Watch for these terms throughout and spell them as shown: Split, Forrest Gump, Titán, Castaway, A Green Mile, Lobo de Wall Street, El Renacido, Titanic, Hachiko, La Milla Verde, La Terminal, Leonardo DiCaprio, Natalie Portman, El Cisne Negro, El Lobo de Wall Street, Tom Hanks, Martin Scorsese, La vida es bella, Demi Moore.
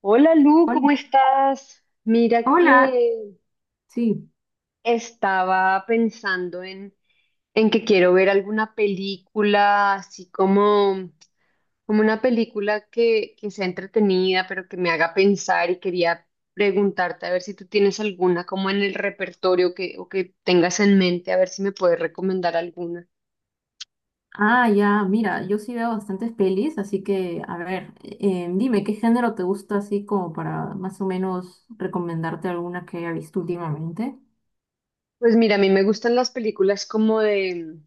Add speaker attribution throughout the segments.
Speaker 1: Hola Lu, ¿cómo
Speaker 2: Hola,
Speaker 1: estás? Mira
Speaker 2: hola,
Speaker 1: que
Speaker 2: sí.
Speaker 1: estaba pensando en que quiero ver alguna película, así como, como una película que sea entretenida, pero que me haga pensar y quería preguntarte a ver si tú tienes alguna como en el repertorio que, o que tengas en mente, a ver si me puedes recomendar alguna.
Speaker 2: Ya, mira, yo sí veo bastantes pelis, así que, a ver, dime, ¿qué género te gusta así como para más o menos recomendarte alguna que haya visto últimamente?
Speaker 1: Pues mira, a mí me gustan las películas como de,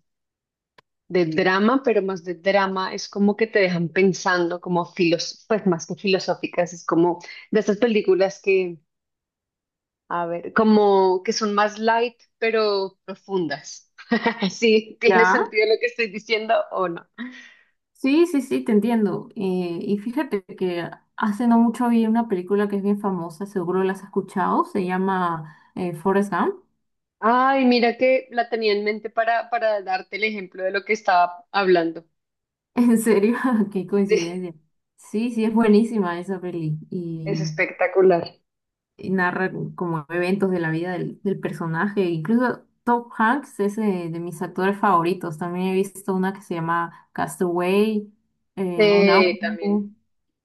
Speaker 1: de drama, pero más de drama, es como que te dejan pensando, como filos, pues más que filosóficas, es como de estas películas que, a ver, como que son más light, pero profundas. ¿Sí tiene
Speaker 2: Ya.
Speaker 1: sentido lo que estoy diciendo o no?
Speaker 2: Sí, sí, sí, te entiendo. Y fíjate que hace no mucho vi una película que es bien famosa, seguro la has escuchado, se llama Forrest Gump.
Speaker 1: Ay, mira que la tenía en mente para darte el ejemplo de lo que estaba hablando.
Speaker 2: En serio, qué
Speaker 1: Sí,
Speaker 2: coincidencia. Sí, sí, es buenísima esa peli.
Speaker 1: es
Speaker 2: y
Speaker 1: espectacular.
Speaker 2: y narra como eventos de la vida del personaje. Incluso Tom Hanks es mis actores favoritos. También he visto una que se llama Castaway, Un
Speaker 1: También.
Speaker 2: Náufrago,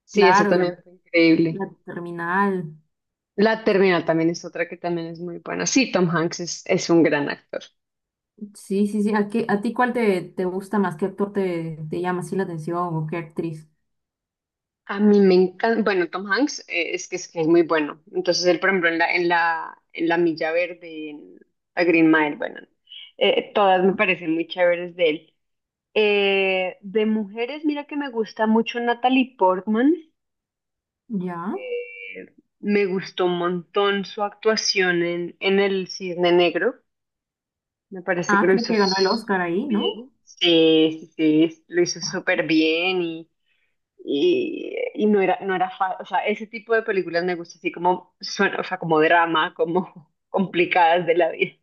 Speaker 1: Sí, eso
Speaker 2: claro,
Speaker 1: también fue increíble.
Speaker 2: La Terminal.
Speaker 1: La Terminal también es otra que también es muy buena. Sí, Tom Hanks es un gran actor.
Speaker 2: Sí, sí, sí. ¿A ti cuál te gusta más? ¿Qué actor te llama así la atención o qué actriz?
Speaker 1: A mí me encanta, bueno, Tom Hanks es que es, que es muy bueno. Entonces él, por ejemplo, en la Milla Verde, en A Green Mile, bueno, todas me
Speaker 2: ¿No?
Speaker 1: parecen muy chéveres de él. De mujeres, mira que me gusta mucho Natalie Portman.
Speaker 2: Ya.
Speaker 1: Eh, Me gustó un montón su actuación en El Cisne Negro. Me parece que
Speaker 2: Ah,
Speaker 1: lo
Speaker 2: creo
Speaker 1: hizo
Speaker 2: que ganó el Oscar ahí, ¿no?
Speaker 1: bien. Sí, sí, sí, sí, lo hizo súper bien y no era, no era fácil. O sea, ese tipo de películas me gusta así como suena, o sea, como drama, como complicadas de la vida.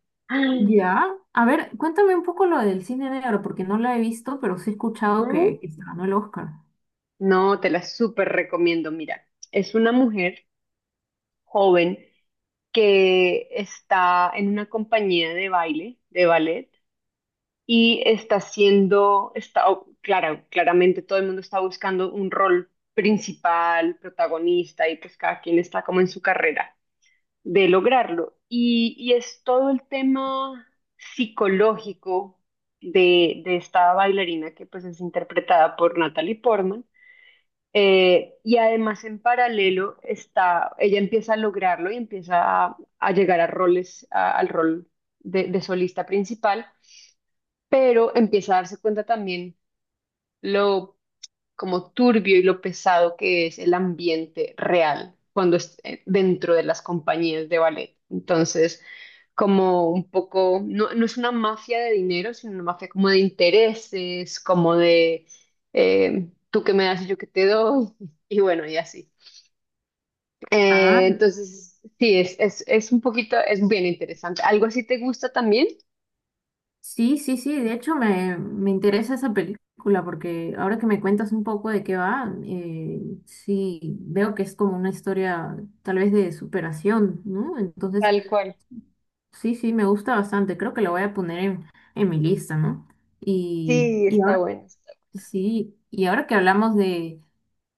Speaker 2: Ya. A ver, cuéntame un poco lo del cine negro, porque no lo he visto, pero sí he escuchado
Speaker 1: No,
Speaker 2: que se ganó el Oscar.
Speaker 1: no, te la súper recomiendo. Mira, es una mujer joven que está en una compañía de baile, de ballet. Y está siendo, está, claro, claramente todo el mundo está buscando un rol principal, protagonista, y pues cada quien está como en su carrera de lograrlo. Y es todo el tema psicológico de esta bailarina que pues es interpretada por Natalie Portman. Y además en paralelo está, ella empieza a lograrlo y empieza a llegar a roles, al rol de solista principal pero empieza a darse cuenta también lo como turbio y lo pesado que es el ambiente real cuando es dentro de las compañías de ballet. Entonces, como un poco, no, no es una mafia de dinero, sino una mafia como de intereses, como de tú que me das y yo que te doy, y bueno, y así.
Speaker 2: Ah,
Speaker 1: Entonces, sí, es un poquito, es bien interesante. ¿Algo así te gusta también?
Speaker 2: sí, sí, sí, de hecho me interesa esa película porque ahora que me cuentas un poco de qué va, sí, veo que es como una historia tal vez de superación, ¿no? Entonces,
Speaker 1: Tal cual.
Speaker 2: sí, sí, me gusta bastante, creo que la voy a poner en mi lista, ¿no?
Speaker 1: Sí,
Speaker 2: Y
Speaker 1: está
Speaker 2: ahora
Speaker 1: bueno. Está
Speaker 2: sí, y ahora que hablamos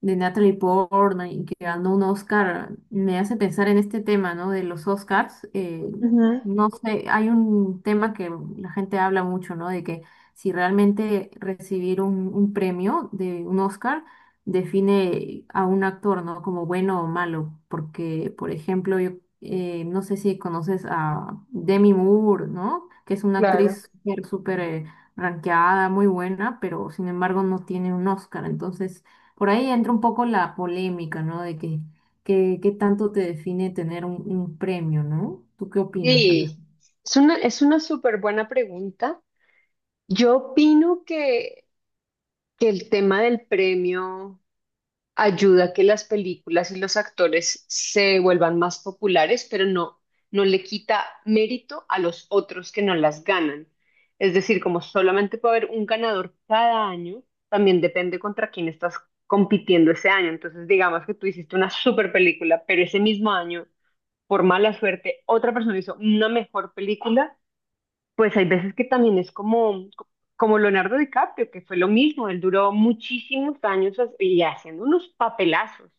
Speaker 2: de Natalie Portman y que ganó un Oscar, me hace pensar en este tema, ¿no? De los Oscars.
Speaker 1: bueno. Ujú,
Speaker 2: No sé, hay un tema que la gente habla mucho, ¿no? De que si realmente recibir un premio de un Oscar define a un actor, ¿no? Como bueno o malo. Porque, por ejemplo, yo no sé si conoces a Demi Moore, ¿no? Que es una
Speaker 1: claro.
Speaker 2: actriz súper, súper... ranqueada, muy buena, pero sin embargo no tiene un Oscar. Entonces, por ahí entra un poco la polémica, ¿no? De que, qué tanto te define tener un premio, ¿no? ¿Tú qué opinas, Alba?
Speaker 1: Sí, es una súper buena pregunta. Yo opino que el tema del premio ayuda a que las películas y los actores se vuelvan más populares, pero no, no le quita mérito a los otros que no las ganan. Es decir, como solamente puede haber un ganador cada año, también depende contra quién estás compitiendo ese año. Entonces, digamos que tú hiciste una súper película, pero ese mismo año, por mala suerte, otra persona hizo una mejor película, pues hay veces que también es como, como Leonardo DiCaprio, que fue lo mismo, él duró muchísimos años y haciendo unos papelazos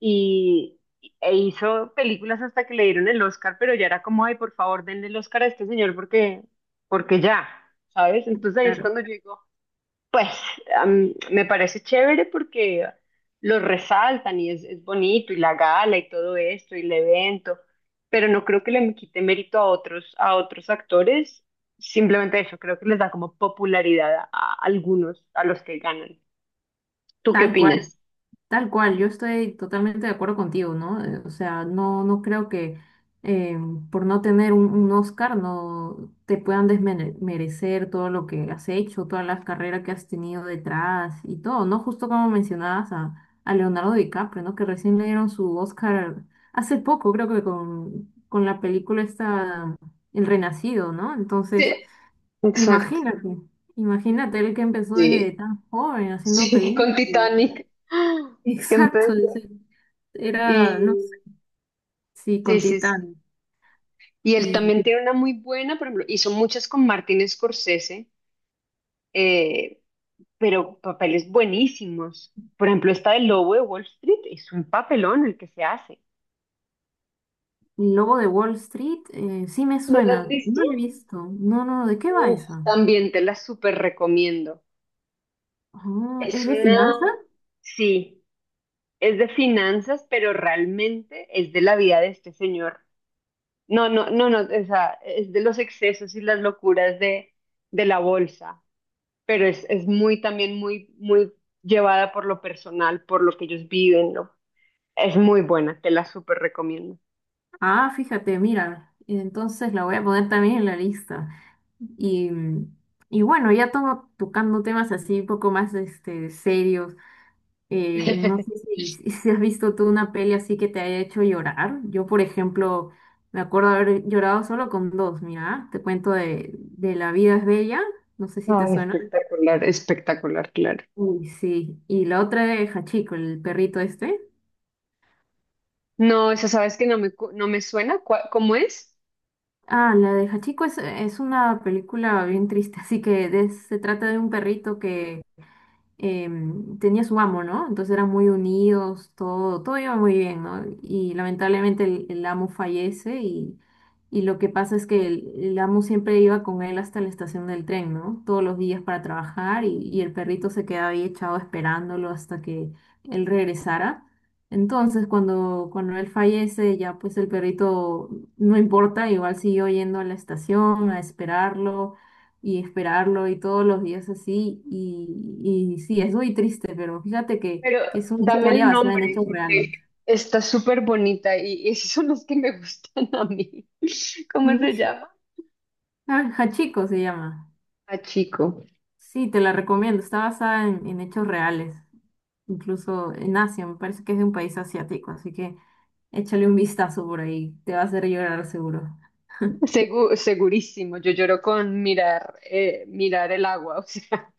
Speaker 1: y, e hizo películas hasta que le dieron el Oscar, pero ya era como, ay, por favor, denle el Oscar a este señor porque, porque ya, ¿sabes? Entonces ahí es
Speaker 2: Claro,
Speaker 1: cuando yo digo, pues me parece chévere porque lo resaltan y es bonito y la gala y todo esto y el evento, pero no creo que le quite mérito a otros actores, simplemente eso, creo que les da como popularidad a algunos, a los que ganan. ¿Tú qué
Speaker 2: tal cual.
Speaker 1: opinas?
Speaker 2: Tal cual, yo estoy totalmente de acuerdo contigo, ¿no? O sea, no, no creo que eh, por no tener un Oscar no te puedan desmerecer todo lo que has hecho, todas las carreras que has tenido detrás y todo, ¿no? Justo como mencionabas a Leonardo DiCaprio, ¿no? Que recién le dieron su Oscar hace poco, creo que con la película esta, El Renacido, ¿no? Entonces,
Speaker 1: Sí, exacto.
Speaker 2: imagínate, imagínate él que empezó desde
Speaker 1: Sí,
Speaker 2: tan joven haciendo
Speaker 1: sí, con
Speaker 2: películas.
Speaker 1: Titanic. Que
Speaker 2: Exacto,
Speaker 1: empezó.
Speaker 2: dice. Era, no sé,
Speaker 1: Y
Speaker 2: sí,
Speaker 1: sí,
Speaker 2: con
Speaker 1: sí, sí.
Speaker 2: Titán.
Speaker 1: Y él
Speaker 2: Y
Speaker 1: también tiene una muy buena, por ejemplo, hizo muchas con Martin Scorsese. eh, pero papeles buenísimos. Por ejemplo, esta del Lobo de Wall Street es un papelón el que se hace.
Speaker 2: y Lobo de Wall Street, sí me
Speaker 1: ¿No la has
Speaker 2: suena.
Speaker 1: visto?
Speaker 2: No lo he visto. No, no, ¿de qué va
Speaker 1: Uf,
Speaker 2: esa?
Speaker 1: también te la súper recomiendo.
Speaker 2: Ah, ¿es
Speaker 1: Es
Speaker 2: de
Speaker 1: una,
Speaker 2: finanzas?
Speaker 1: sí, es de finanzas, pero realmente es de la vida de este señor. No, no, no, no, o sea, es de los excesos y las locuras de la bolsa, pero es muy también muy, muy llevada por lo personal, por lo que ellos viven, ¿no? Es muy buena, te la súper recomiendo.
Speaker 2: Ah, fíjate, mira. Entonces la voy a poner también en la lista. Y, y bueno, ya tomo tocando temas así un poco más este, serios. No sé si, si has visto tú una peli así que te haya hecho llorar. Yo, por ejemplo, me acuerdo haber llorado solo con dos. Mira, te cuento de La vida es bella. No sé si te
Speaker 1: Ay,
Speaker 2: suena.
Speaker 1: espectacular, espectacular, claro.
Speaker 2: Uy, sí. Y la otra de Hachiko, el perrito este.
Speaker 1: No, eso sabes que no me, cu- no me suena, cua- ¿cómo es?
Speaker 2: Ah, la de Hachiko es una película bien triste, así que se trata de un perrito que tenía su amo, ¿no? Entonces eran muy unidos, todo, todo iba muy bien, ¿no? Y lamentablemente el amo fallece y lo que pasa es que el amo siempre iba con él hasta la estación del tren, ¿no? Todos los días para trabajar y el perrito se quedaba ahí echado esperándolo hasta que él regresara. Entonces, cuando, cuando él fallece, ya pues el perrito no importa, igual siguió yendo a la estación a esperarlo y esperarlo y todos los días así. Y sí, es muy triste, pero fíjate
Speaker 1: Pero
Speaker 2: que es una
Speaker 1: dame
Speaker 2: historia
Speaker 1: el
Speaker 2: basada en
Speaker 1: nombre,
Speaker 2: hechos reales.
Speaker 1: porque está súper bonita y esos son los que me gustan a mí. ¿Cómo se
Speaker 2: Sí.
Speaker 1: llama?
Speaker 2: Ah, Hachiko se llama.
Speaker 1: A chico.
Speaker 2: Sí, te la recomiendo. Está basada en hechos reales, incluso en Asia. Me parece que es de un país asiático, así que échale un vistazo por ahí. Te va a hacer llorar seguro.
Speaker 1: Segu- segurísimo, yo lloro con mirar, mirar el agua, o sea.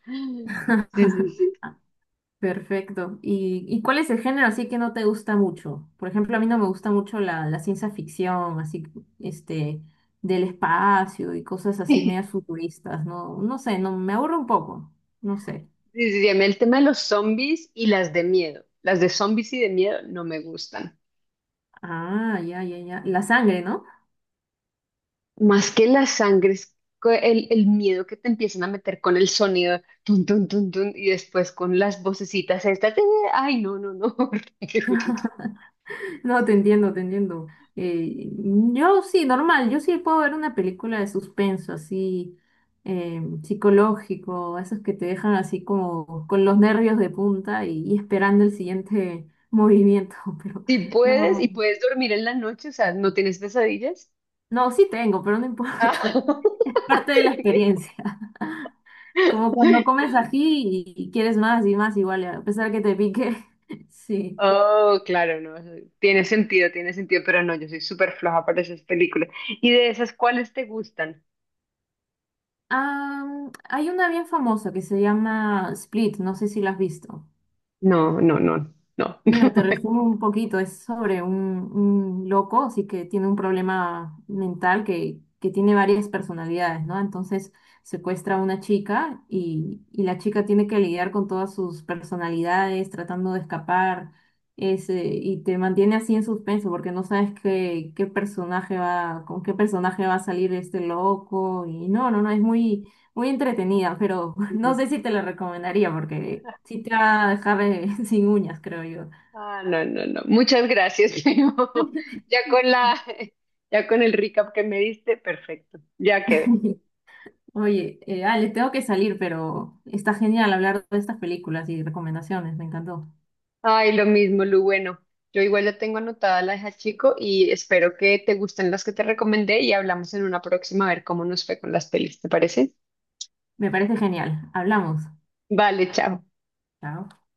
Speaker 1: Sí, sí, sí.
Speaker 2: Perfecto. Y cuál es el género así que no te gusta mucho? Por ejemplo, a mí no me gusta mucho la ciencia ficción, así, este, del espacio y cosas así medias futuristas, ¿no? No sé, no, me aburre un poco, no sé.
Speaker 1: sí, sí, sí, a mí el tema de los zombies y las de miedo. Las de zombies y de miedo no me gustan.
Speaker 2: Ah, ya, ya, ya. La sangre, ¿no?
Speaker 1: Más que la sangre, es el miedo que te empiezan a meter con el sonido, tun, tun, tun, tun, y después con las vocecitas estas, de, ay, no, no, no. Horrible.
Speaker 2: No, te entiendo, te entiendo. Yo sí, normal, yo sí puedo ver una película de suspenso, así, psicológico, esos que te dejan así como con los nervios de punta y esperando el siguiente movimiento, pero
Speaker 1: Si puedes
Speaker 2: no,
Speaker 1: y puedes dormir en la noche, o sea, ¿no tienes pesadillas?
Speaker 2: no, sí tengo, pero no importa,
Speaker 1: Ah.
Speaker 2: parte de la experiencia. Como cuando comes ají y quieres más y más, igual, a pesar que te pique, sí.
Speaker 1: oh, claro, no, eso tiene sentido, pero no, yo soy súper floja para esas películas. ¿Y de esas cuáles te gustan?
Speaker 2: Ah, hay una bien famosa que se llama Split, no sé si la has visto.
Speaker 1: No, no, no, no.
Speaker 2: Mira, te resumo un poquito, es sobre un loco, así que tiene un problema mental que tiene varias personalidades, ¿no? Entonces secuestra a una chica y la chica tiene que lidiar con todas sus personalidades, tratando de escapar, ese, y te mantiene así en suspenso porque no sabes qué, qué personaje va, con qué personaje va a salir este loco, y no, no, no, es muy, muy entretenida, pero no sé si te la recomendaría porque sí te va a dejar sin uñas, creo yo.
Speaker 1: ah, no, no, no. Muchas gracias, primo. Ya con la, ya con el recap que me diste, perfecto. Ya quedé.
Speaker 2: Oye, Alex, tengo que salir, pero está genial hablar de estas películas y recomendaciones, me encantó.
Speaker 1: Ay, lo mismo, Lu. Bueno, yo igual ya tengo anotada la hija chico y espero que te gusten las que te recomendé y hablamos en una próxima a ver cómo nos fue con las pelis, ¿te parece?
Speaker 2: Me parece genial. Hablamos.
Speaker 1: Vale, chao.
Speaker 2: Chao.